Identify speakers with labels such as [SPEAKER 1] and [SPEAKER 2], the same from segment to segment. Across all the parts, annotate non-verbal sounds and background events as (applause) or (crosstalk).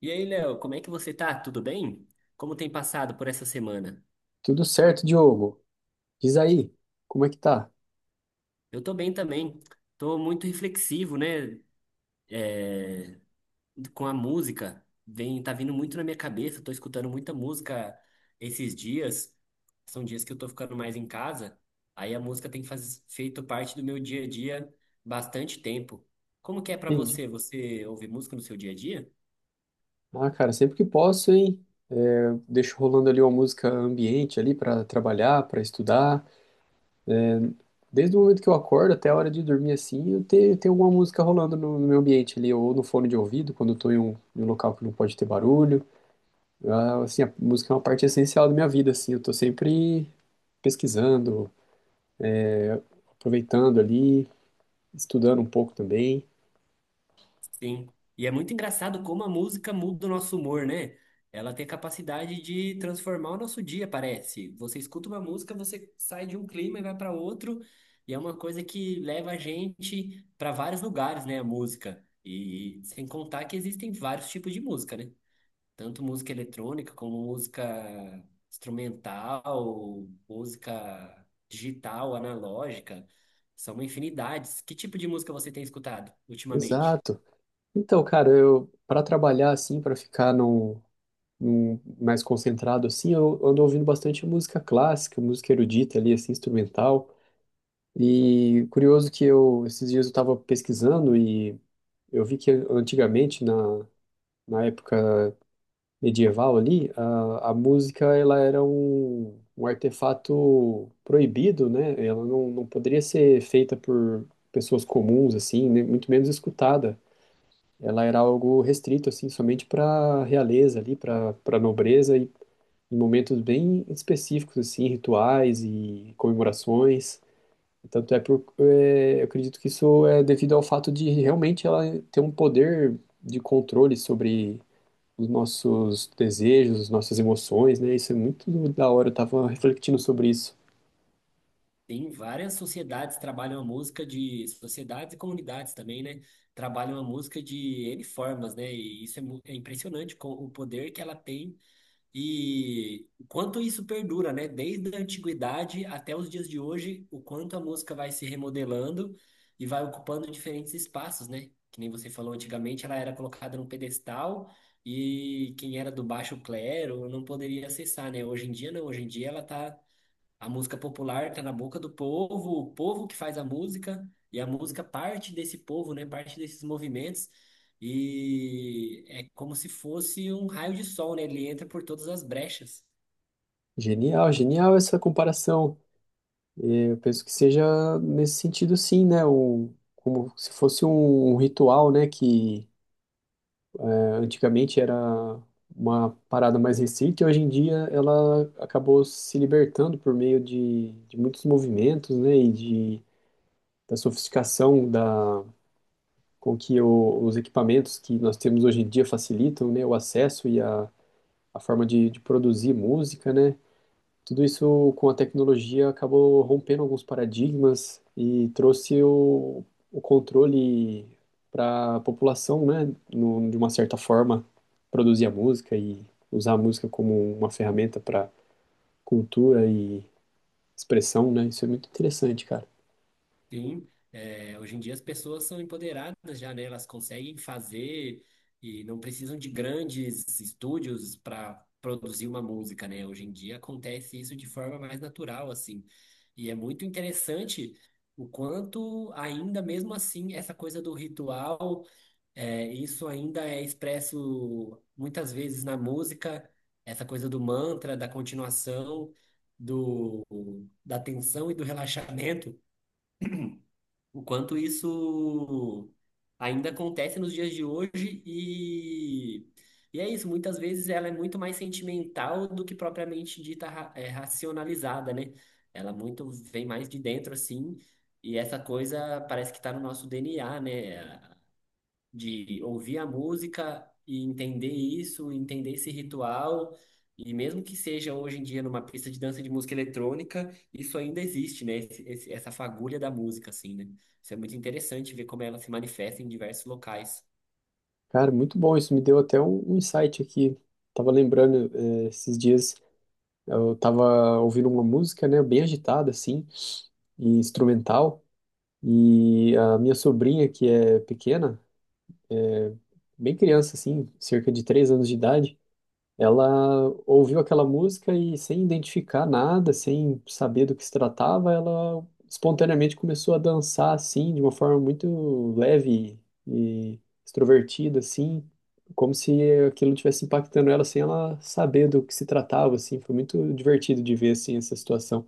[SPEAKER 1] E aí, Léo, como é que você tá? Tudo bem? Como tem passado por essa semana?
[SPEAKER 2] Tudo certo, Diogo. Diz aí, como é que tá?
[SPEAKER 1] Eu tô bem também. Tô muito reflexivo, né? É, com a música. Tá vindo muito na minha cabeça. Tô escutando muita música esses dias. São dias que eu tô ficando mais em casa. Aí a música tem feito parte do meu dia a dia bastante tempo. Como que é pra
[SPEAKER 2] Entendi.
[SPEAKER 1] você? Você ouve música no seu dia a dia?
[SPEAKER 2] Ah, cara, sempre que posso, hein? Eu deixo rolando ali uma música ambiente ali pra trabalhar, pra estudar. Desde o momento que eu acordo até a hora de dormir assim, eu tenho alguma música rolando no meu ambiente ali, ou no fone de ouvido, quando eu tô em um local que não pode ter barulho. Ah, assim, a música é uma parte essencial da minha vida, assim. Eu tô sempre pesquisando, aproveitando ali, estudando um pouco também.
[SPEAKER 1] Sim. E é muito engraçado como a música muda o nosso humor, né? Ela tem a capacidade de transformar o nosso dia, parece. Você escuta uma música, você sai de um clima e vai para outro, e é uma coisa que leva a gente para vários lugares, né? A música. E sem contar que existem vários tipos de música, né? Tanto música eletrônica como música instrumental, música digital, analógica. São uma infinidade. Que tipo de música você tem escutado ultimamente?
[SPEAKER 2] Exato. Então, cara, eu para trabalhar assim, para ficar num, mais concentrado assim, eu ando ouvindo bastante música clássica, música erudita ali, assim, instrumental. E curioso que eu, esses dias eu estava pesquisando e eu vi que antigamente, na, na época medieval ali, a música ela era um artefato proibido, né? Ela não poderia ser feita por pessoas comuns, assim, muito menos escutada. Ela era algo restrito, assim, somente para realeza ali, para nobreza em momentos bem específicos, assim, rituais e comemorações. Tanto é por, é, eu acredito que isso é devido ao fato de realmente ela ter um poder de controle sobre os nossos desejos, as nossas emoções, né? Isso é muito da hora, eu tava refletindo sobre isso.
[SPEAKER 1] Tem várias sociedades que trabalham a música de sociedades e comunidades também, né? Trabalham a música de N formas, né? E isso é impressionante com o poder que ela tem e o quanto isso perdura, né? Desde a antiguidade até os dias de hoje, o quanto a música vai se remodelando e vai ocupando diferentes espaços, né? Que nem você falou, antigamente ela era colocada num pedestal e quem era do baixo clero não poderia acessar, né? Hoje em dia não, hoje em dia ela tá a música popular está na boca do povo, o povo que faz a música, e a música parte desse povo, né? Parte desses movimentos, e é como se fosse um raio de sol, né? Ele entra por todas as brechas.
[SPEAKER 2] Genial, genial essa comparação. É, eu penso que seja nesse sentido, sim, né? O, como se fosse um ritual, né? Que antigamente era uma parada mais restrita e hoje em dia ela acabou se libertando por meio de muitos movimentos, né, e de, da sofisticação da, com que os equipamentos que nós temos hoje em dia facilitam, né, o acesso e a forma de produzir música, né, tudo isso com a tecnologia acabou rompendo alguns paradigmas e trouxe o controle para a população, né? No, de uma certa forma, produzir a música e usar a música como uma ferramenta para cultura e expressão, né? Isso é muito interessante, cara.
[SPEAKER 1] Sim, é, hoje em dia as pessoas são empoderadas já, né? Elas conseguem fazer e não precisam de grandes estúdios para produzir uma música, né? Hoje em dia acontece isso de forma mais natural, assim. E é muito interessante o quanto, ainda mesmo assim, essa coisa do ritual, isso ainda é expresso muitas vezes na música, essa coisa do mantra, da continuação, do, da tensão e do relaxamento. O quanto isso ainda acontece nos dias de hoje e é isso, muitas vezes ela é muito mais sentimental do que propriamente racionalizada, né? Ela muito vem mais de dentro, assim, e essa coisa parece que está no nosso DNA, né? De ouvir a música e entender isso, entender esse ritual. E mesmo que seja hoje em dia numa pista de dança de música eletrônica, isso ainda existe, né? Essa fagulha da música, assim, né? Isso é muito interessante ver como ela se manifesta em diversos locais.
[SPEAKER 2] Cara, muito bom. Isso me deu até um insight aqui. Tava lembrando, esses dias eu tava ouvindo uma música, né? Bem agitada, assim, e instrumental. E a minha sobrinha, que é pequena, bem criança, assim, cerca de três anos de idade, ela ouviu aquela música e, sem identificar nada, sem saber do que se tratava, ela espontaneamente começou a dançar, assim, de uma forma muito leve e extrovertida, assim, como se aquilo estivesse impactando ela sem ela saber do que se tratava, assim. Foi muito divertido de ver, assim, essa situação.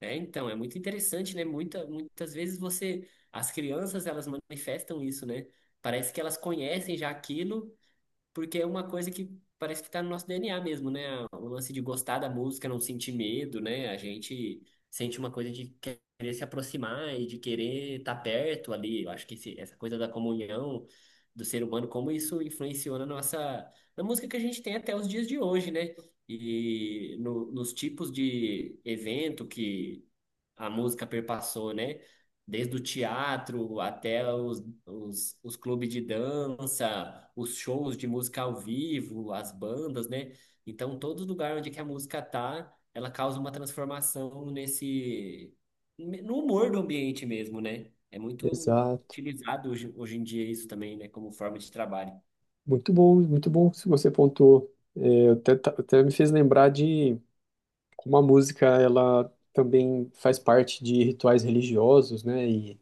[SPEAKER 1] É, então, é muito interessante, né? Muitas vezes você, as crianças, elas manifestam isso, né? Parece que elas conhecem já aquilo. Porque é uma coisa que parece que tá no nosso DNA mesmo, né? O lance de gostar da música, não sentir medo, né? A gente sente uma coisa de querer se aproximar e de querer estar perto ali. Eu acho que essa coisa da comunhão do ser humano, como isso influenciou na nossa, na música que a gente tem até os dias de hoje, né? E nos tipos de evento que a música perpassou, né? Desde o teatro até os clubes de dança, os shows de música ao vivo, as bandas, né? Então, todo lugar onde que a música tá, ela causa uma transformação nesse, no humor do ambiente mesmo, né? É muito
[SPEAKER 2] Exato.
[SPEAKER 1] utilizado hoje, hoje em dia isso também, né? Como forma de trabalho.
[SPEAKER 2] Muito bom que você pontuou. É, até, até me fez lembrar de como a música ela também faz parte de rituais religiosos, né? E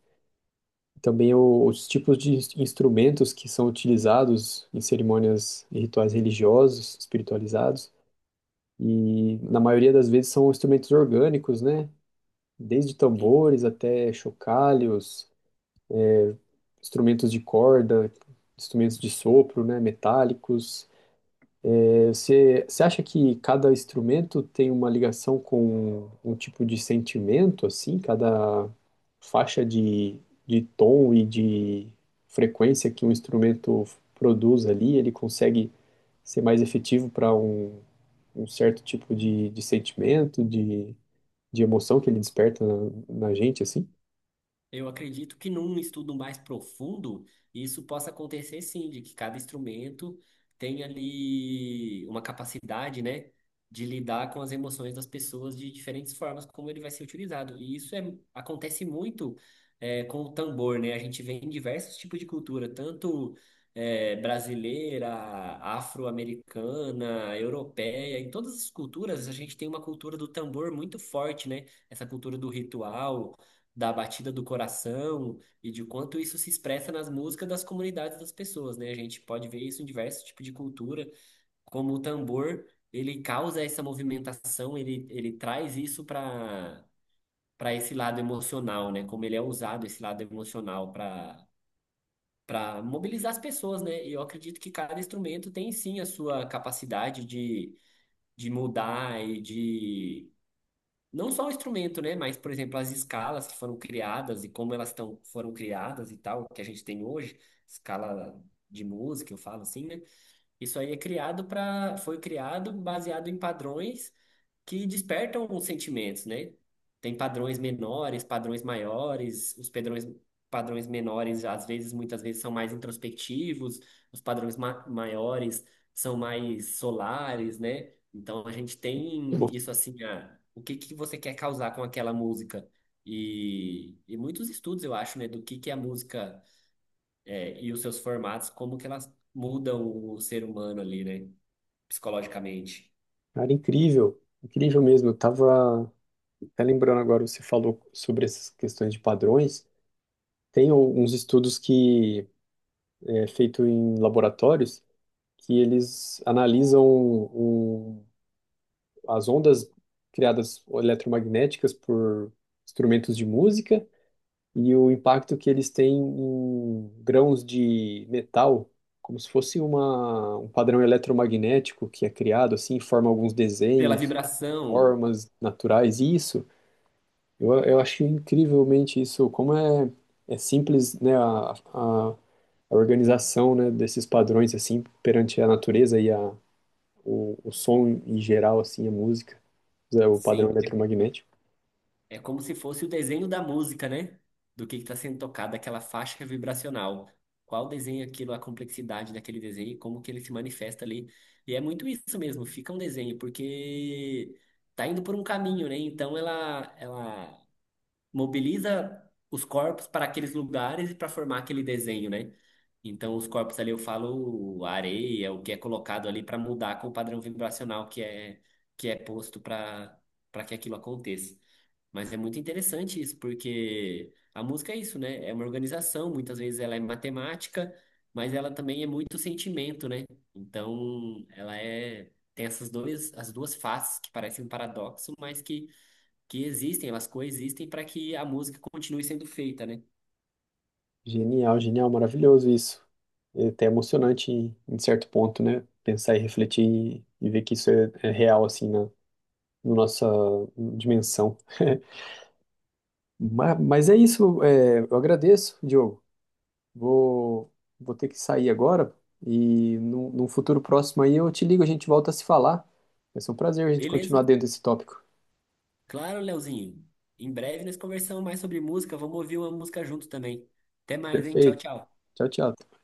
[SPEAKER 2] também os tipos de instrumentos que são utilizados em cerimônias e rituais religiosos, espiritualizados. E na maioria das vezes são instrumentos orgânicos, né? Desde tambores até chocalhos, instrumentos de corda, instrumentos de sopro, né? Metálicos. Você acha que cada instrumento tem uma ligação com um tipo de sentimento, assim? Cada faixa de tom e de frequência que um instrumento produz ali, ele consegue ser mais efetivo para um, um certo tipo de sentimento, de emoção que ele desperta na, na gente, assim?
[SPEAKER 1] Eu acredito que num estudo mais profundo, isso possa acontecer sim, de que cada instrumento tem ali uma capacidade, né, de lidar com as emoções das pessoas de diferentes formas, como ele vai ser utilizado. E isso é, acontece muito com o tambor, né? A gente vê em diversos tipos de cultura, tanto brasileira, afro-americana, europeia, em todas as culturas a gente tem uma cultura do tambor muito forte, né? Essa cultura do ritual da batida do coração e de quanto isso se expressa nas músicas das comunidades das pessoas, né? A gente pode ver isso em diversos tipos de cultura, como o tambor, ele causa essa movimentação, ele traz isso para para esse lado emocional, né? Como ele é usado esse lado emocional para para mobilizar as pessoas, né? E eu acredito que cada instrumento tem sim a sua capacidade de mudar e de não só o instrumento, né? Mas, por exemplo, as escalas que foram criadas e como elas tão, foram criadas e tal, que a gente tem hoje, escala de música, eu falo assim, né? Isso aí é criado para, foi criado baseado em padrões que despertam os sentimentos, né? Tem padrões menores, padrões maiores, os padrões, padrões menores, às vezes, muitas vezes, são mais introspectivos, os padrões ma maiores são mais solares, né? Então, a gente tem
[SPEAKER 2] Pô,
[SPEAKER 1] isso assim, ah, o que que você quer causar com aquela música? E muitos estudos, eu acho, né, do que a música é, e os seus formatos, como que elas mudam o ser humano ali, né, psicologicamente.
[SPEAKER 2] cara, incrível, incrível mesmo. Eu tava até lembrando agora, você falou sobre essas questões de padrões. Tem alguns estudos que é feito em laboratórios que eles analisam o- as ondas criadas eletromagnéticas por instrumentos de música e o impacto que eles têm em grãos de metal, como se fosse uma, um padrão eletromagnético que é criado assim, forma alguns
[SPEAKER 1] Pela
[SPEAKER 2] desenhos,
[SPEAKER 1] vibração,
[SPEAKER 2] formas naturais, e isso. Eu acho incrivelmente isso, como é, é simples, né, a organização, né, desses padrões, assim, perante a natureza e a, o som em geral, assim, a música, é, o padrão
[SPEAKER 1] sim.
[SPEAKER 2] eletromagnético.
[SPEAKER 1] É como se fosse o desenho da música, né? Do que está sendo tocado, aquela faixa vibracional. Qual desenho é aquilo, a complexidade daquele desenho, e como que ele se manifesta ali. E é muito isso mesmo, fica um desenho, porque tá indo por um caminho, né? Então ela mobiliza os corpos para aqueles lugares e para formar aquele desenho, né? Então, os corpos ali, eu falo a areia, o que é colocado ali para mudar com o padrão vibracional que é posto para para que aquilo aconteça. Mas é muito interessante isso, porque a música é isso, né? É uma organização, muitas vezes ela é matemática, mas ela também é muito sentimento, né? Então, ela é tem essas dois, as duas faces que parecem um paradoxo, mas que existem, elas coexistem para que a música continue sendo feita, né?
[SPEAKER 2] Genial, genial, maravilhoso isso. É até emocionante em, em certo ponto, né, pensar e refletir e ver que isso é, é real, assim, na, na nossa dimensão. (laughs) Mas, é isso, é, eu agradeço, Diogo. Vou, vou ter que sair agora e num, num futuro próximo aí eu te ligo, a gente volta a se falar. Vai ser um prazer a gente
[SPEAKER 1] Beleza.
[SPEAKER 2] continuar dentro desse tópico.
[SPEAKER 1] Claro, Leozinho. Em breve nós conversamos mais sobre música. Vamos ouvir uma música junto também. Até mais, hein? Tchau,
[SPEAKER 2] Perfeito.
[SPEAKER 1] tchau.
[SPEAKER 2] Tchau, tchau.